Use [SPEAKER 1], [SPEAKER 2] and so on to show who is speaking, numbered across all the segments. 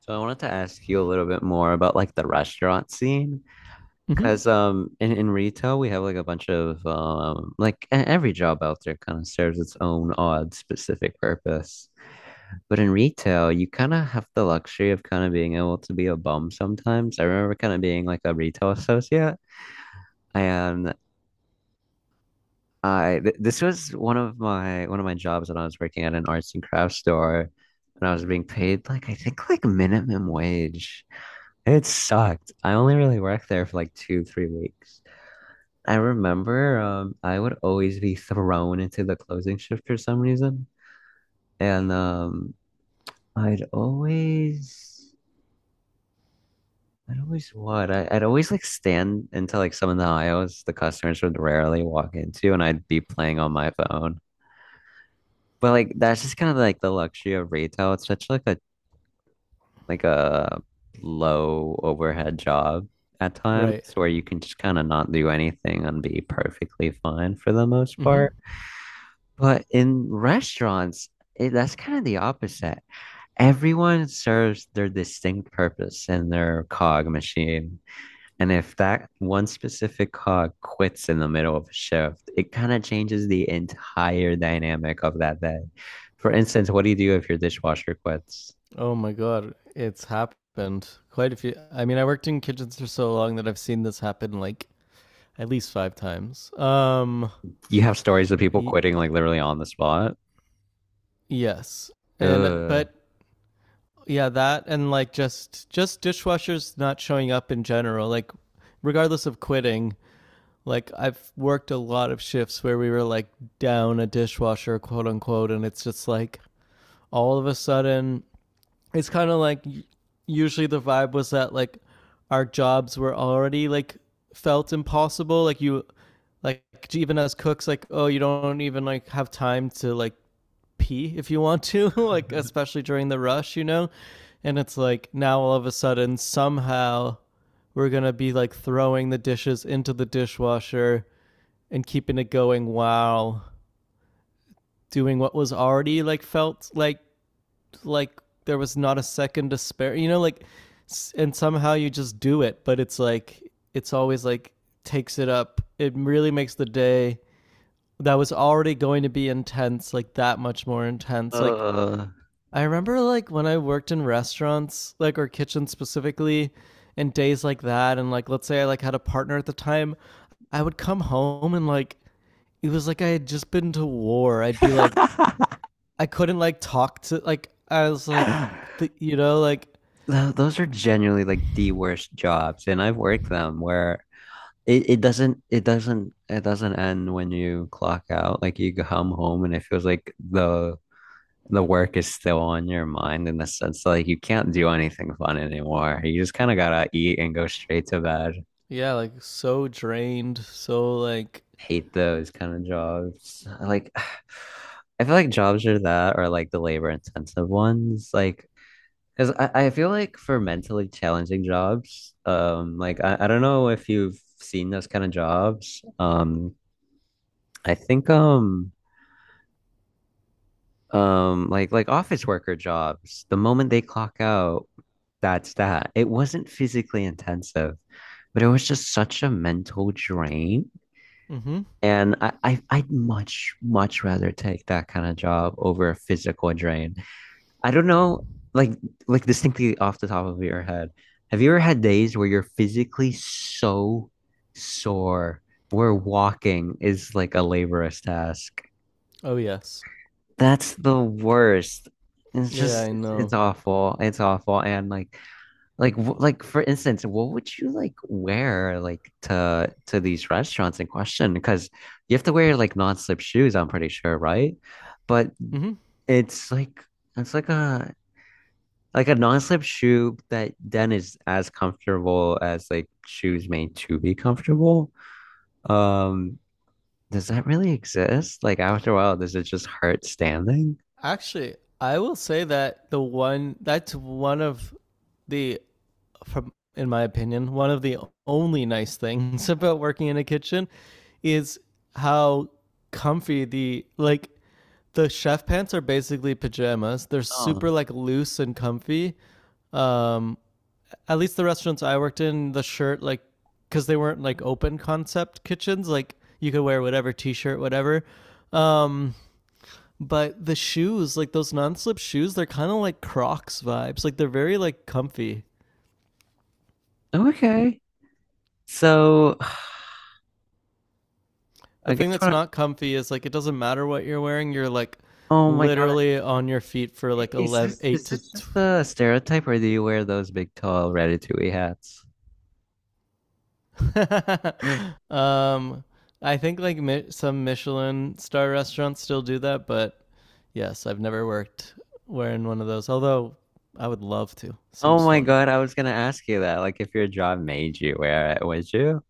[SPEAKER 1] So I wanted to ask you a little bit more about like the restaurant scene,
[SPEAKER 2] Mm-hmm.
[SPEAKER 1] because in retail we have like a bunch of like every job out there kind of serves its own odd specific purpose. But in retail, you kind of have the luxury of kind of being able to be a bum sometimes. I remember kind of being like a retail associate, and I th this was one of my jobs when I was working at an arts and crafts store, and I was being paid like I think like minimum wage. It sucked. I only really worked there for like two, 3 weeks. I remember I would always be thrown into the closing shift for some reason. And I'd always I'd always what? I'd always like stand into like some of the aisles the customers would rarely walk into and I'd be playing on my phone. But like that's just kind of like the luxury of retail. It's such like a low overhead job at times
[SPEAKER 2] Right.
[SPEAKER 1] where you can just kind of not do anything and be perfectly fine for the most
[SPEAKER 2] Mm-hmm.
[SPEAKER 1] part. But in restaurants, that's kind of the opposite. Everyone serves their distinct purpose in their cog machine. And if that one specific cog quits in the middle of a shift, it kind of changes the entire dynamic of that day. For instance, what do you do if your dishwasher quits?
[SPEAKER 2] Oh my god, it's happened quite a few. I mean, I worked in kitchens for so long that I've seen this happen like at least five times.
[SPEAKER 1] You have stories of people
[SPEAKER 2] Y-
[SPEAKER 1] quitting like literally on the spot.
[SPEAKER 2] yes, and
[SPEAKER 1] Ugh.
[SPEAKER 2] but yeah, that and like just dishwashers not showing up in general, like regardless of quitting. Like I've worked a lot of shifts where we were like down a dishwasher, quote unquote, and it's just like all of a sudden it's kind of like usually the vibe was that like our jobs were already like felt impossible like you like even as cooks like oh you don't even like have time to like pee if you want to like especially during the rush. And it's like now all of a sudden somehow we're going to be like throwing the dishes into the dishwasher and keeping it going while doing what was already like felt like there was not a second to spare. You know, like, and somehow you just do it, but it's like it's always like takes it up. It really makes the day that was already going to be intense like that much more intense. Like
[SPEAKER 1] Uh.
[SPEAKER 2] I remember like when I worked in restaurants, like or kitchens specifically, and days like that and like let's say I like had a partner at the time, I would come home and like it was like I had just been to war. I'd be like I couldn't like talk to like I was like you know like
[SPEAKER 1] Those are genuinely like the worst jobs, and I've worked them where it doesn't end when you clock out. Like you come home and it feels like the work is still on your mind in the sense like you can't do anything fun anymore. You just kind of gotta eat and go straight to bed.
[SPEAKER 2] yeah like so drained so like
[SPEAKER 1] Hate those kind of jobs. Like, I feel like jobs are that or like the labor intensive ones. Like, because I feel like for mentally challenging jobs, like I don't know if you've seen those kind of jobs. I think like office worker jobs, the moment they clock out, that's that. It wasn't physically intensive, but it was just such a mental drain.
[SPEAKER 2] mm-hmm
[SPEAKER 1] And I'd much, much rather take that kind of job over a physical drain. I don't know, like, like distinctly off the top of your head, have you ever had days where you're physically so sore where walking is like a laborious task?
[SPEAKER 2] oh yes
[SPEAKER 1] That's the worst. It's
[SPEAKER 2] yeah
[SPEAKER 1] just,
[SPEAKER 2] I
[SPEAKER 1] it's
[SPEAKER 2] know
[SPEAKER 1] awful. It's awful. And like, like for instance, what would you like wear like to these restaurants in question? Because you have to wear like non-slip shoes, I'm pretty sure, right? But
[SPEAKER 2] mm-hmm
[SPEAKER 1] it's like it's like a non-slip shoe that then is as comfortable as like shoes made to be comfortable. Um, does that really exist? Like after a while, does it just hurt standing?
[SPEAKER 2] actually I will say that the one that's one of the from in my opinion one of the only nice things about working in a kitchen is how comfy the chef pants are basically pajamas they're super
[SPEAKER 1] Oh,
[SPEAKER 2] like loose and comfy um at least the restaurants I worked in, the shirt like because they weren't like open concept kitchens, like you could wear whatever t-shirt, whatever. Um, but the shoes, like those non-slip shoes, they're kind of like Crocs vibes. Like they're very like comfy.
[SPEAKER 1] okay. So
[SPEAKER 2] The
[SPEAKER 1] I
[SPEAKER 2] thing
[SPEAKER 1] guess
[SPEAKER 2] that's
[SPEAKER 1] what I-
[SPEAKER 2] not comfy is like it doesn't matter what you're wearing. You're like
[SPEAKER 1] oh my God. I-
[SPEAKER 2] literally on your feet for like
[SPEAKER 1] is
[SPEAKER 2] 11
[SPEAKER 1] this
[SPEAKER 2] 8
[SPEAKER 1] is
[SPEAKER 2] to
[SPEAKER 1] this just a stereotype or do you wear those big tall ratatouille hats?
[SPEAKER 2] um, I think like some Michelin star restaurants still do that, but yes, I've never worked wearing one of those. Although I would love to.
[SPEAKER 1] Oh
[SPEAKER 2] Seems
[SPEAKER 1] my
[SPEAKER 2] fun.
[SPEAKER 1] God, I was gonna ask you that. Like if your job made you wear it, would you?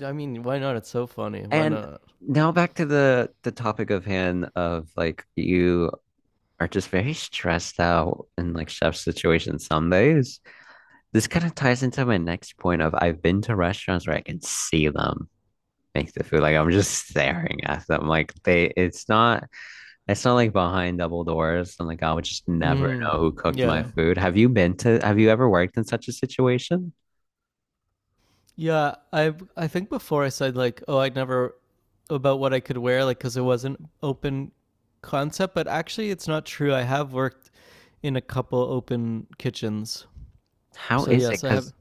[SPEAKER 2] I mean, why not? It's so funny. Why
[SPEAKER 1] And
[SPEAKER 2] not?
[SPEAKER 1] now back to the topic of hand of like you are just very stressed out in like chef situations some days. This kind of ties into my next point of I've been to restaurants where I can see them make the food. Like I'm just staring at them. Like they it's not like behind double doors. I'm like I would just never
[SPEAKER 2] Mm,
[SPEAKER 1] know who cooked my
[SPEAKER 2] yeah,
[SPEAKER 1] food. Have you been to have you ever worked in such a situation?
[SPEAKER 2] yeah. I think before I said like, oh, I'd never about what I could wear, like, because it wasn't open concept. But actually, it's not true. I have worked in a couple open kitchens.
[SPEAKER 1] How
[SPEAKER 2] So
[SPEAKER 1] is it?
[SPEAKER 2] yes, I
[SPEAKER 1] Because
[SPEAKER 2] have.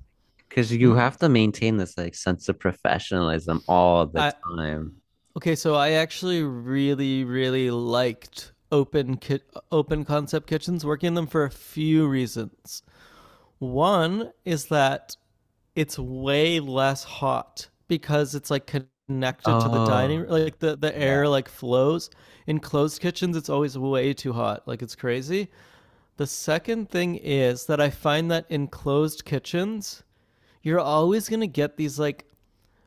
[SPEAKER 1] Because you
[SPEAKER 2] Mhm.
[SPEAKER 1] have to maintain this like sense of professionalism all the
[SPEAKER 2] I
[SPEAKER 1] time.
[SPEAKER 2] Okay, so I actually really, really liked open concept kitchens, working in them for a few reasons. One is that it's way less hot because it's like connected to the
[SPEAKER 1] Oh,
[SPEAKER 2] dining like the
[SPEAKER 1] yeah.
[SPEAKER 2] air like flows in closed kitchens it's always way too hot like it's crazy the second thing is that I find that in closed kitchens you're always going to get these like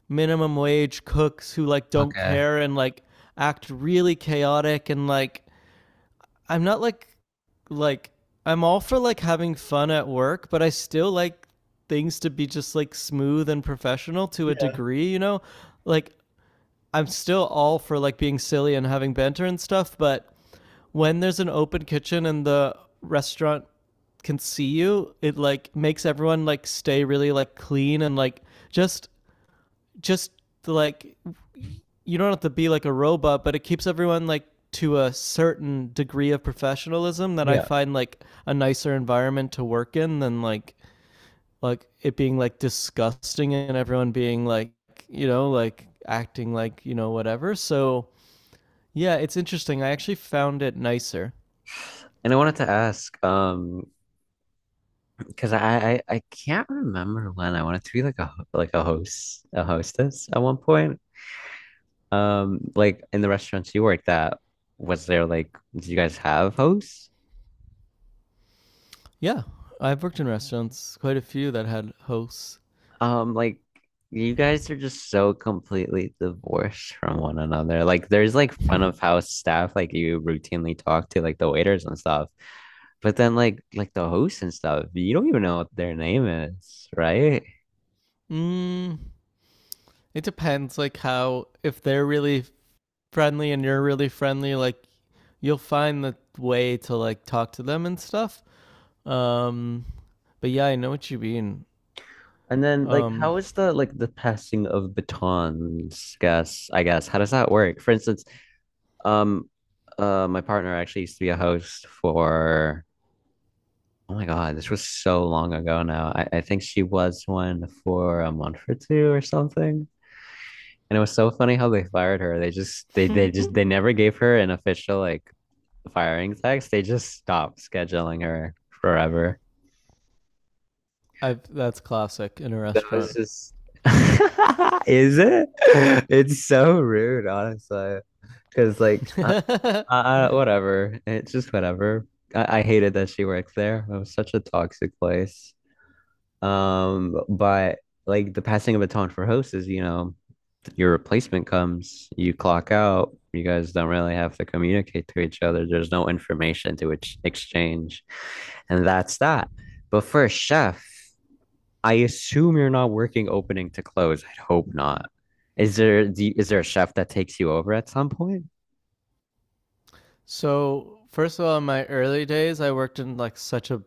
[SPEAKER 2] minimum wage cooks who like don't
[SPEAKER 1] Okay.
[SPEAKER 2] care and like act really chaotic and like I'm not like I'm all for like having fun at work, but I still like things to be just like smooth and professional to a
[SPEAKER 1] Yeah.
[SPEAKER 2] degree, you know? Like I'm still all for like being silly and having banter and stuff, but when there's an open kitchen and the restaurant can see you, it like makes everyone like stay really like clean and like just just like you don't have to be like a robot, but it keeps everyone like to a certain degree of professionalism that I
[SPEAKER 1] Yeah.
[SPEAKER 2] find like a nicer environment to work in than like it being like disgusting and everyone being like you know like acting like you know whatever. So yeah, it's interesting. I actually found it nicer.
[SPEAKER 1] And I wanted to ask, because I can't remember when I wanted to be like a like a host a hostess at one point. Like in the restaurants you worked at, was there like did you guys have hosts?
[SPEAKER 2] Yeah, I've worked in restaurants, quite a few that had hosts.
[SPEAKER 1] Like you guys are just so completely divorced from one another. Like there's like front of house staff like you routinely talk to, like the waiters and stuff. But then like the hosts and stuff, you don't even know what their name is, right?
[SPEAKER 2] mm, it depends, like how if they're really friendly and you're really friendly, like you'll find the way to like talk to them and stuff. Um, but yeah, I know what you mean.
[SPEAKER 1] And then like
[SPEAKER 2] Um,
[SPEAKER 1] how is the like the passing of batons, guess, I guess. How does that work? For instance, um my partner actually used to be a host for oh my God, this was so long ago now. I think she was one for a month or two or something. And it was so funny how they fired her. They never gave her an official like firing text. They just stopped scheduling her forever.
[SPEAKER 2] that's classic in a
[SPEAKER 1] That was
[SPEAKER 2] restaurant.
[SPEAKER 1] just is it? It's so rude, honestly. Because whatever. It's just whatever. I hated that she worked there. It was such a toxic place. But like the passing of a baton for hosts is, you know, your replacement comes, you clock out, you guys don't really have to communicate to each other. There's no information to exchange. And that's that. But for a chef, I assume you're not working opening to close. I'd hope not. Is there is there a chef that takes you over at some point?
[SPEAKER 2] So first of all, in my early days, I worked in like such a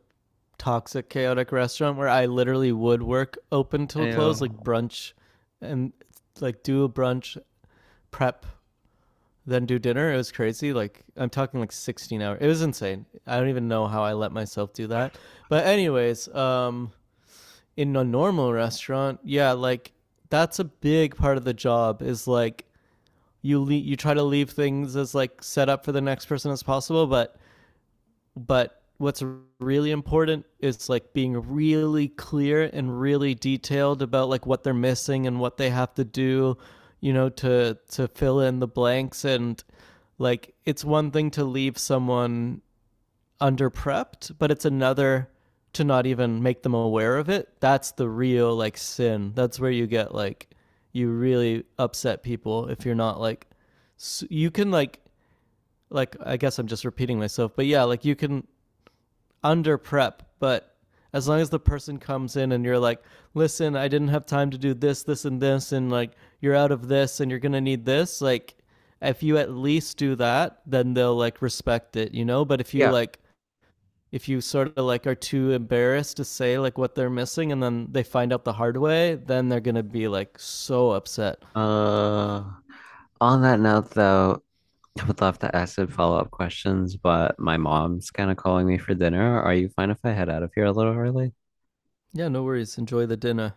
[SPEAKER 2] toxic, chaotic restaurant where I literally would work open
[SPEAKER 1] I,
[SPEAKER 2] till
[SPEAKER 1] yeah.
[SPEAKER 2] close, like brunch, and like do a brunch prep then do dinner. It was crazy. Like I'm talking like 16 hours. It was insane. I don't even know how I let myself do that. But anyways, in a normal restaurant, yeah, like that's a big part of the job is like you try to leave things as like set up for the next person as possible, but what's really important is like being really clear and really detailed about like what they're missing and what they have to do, you know, to fill in the blanks and like it's one thing to leave someone under prepped, but it's another to not even make them aware of it. That's the real like sin. That's where you get like you really upset people if you're not like you can like I guess I'm just repeating myself, but yeah, like you can under prep, but as long as the person comes in and you're like, listen, I didn't have time to do this, this, and this, and like you're out of this and you're gonna need this, like if you at least do that, then they'll like respect it, you know? But if you
[SPEAKER 1] Yeah.
[SPEAKER 2] like if you sort of like are too embarrassed to say like what they're missing and then they find out the hard way, then they're gonna be like so upset.
[SPEAKER 1] Uh, on that note, though, I would love to ask some follow-up questions, but my mom's kind of calling me for dinner. Are you fine if I head out of here a little early?
[SPEAKER 2] Yeah, no worries. Enjoy the dinner.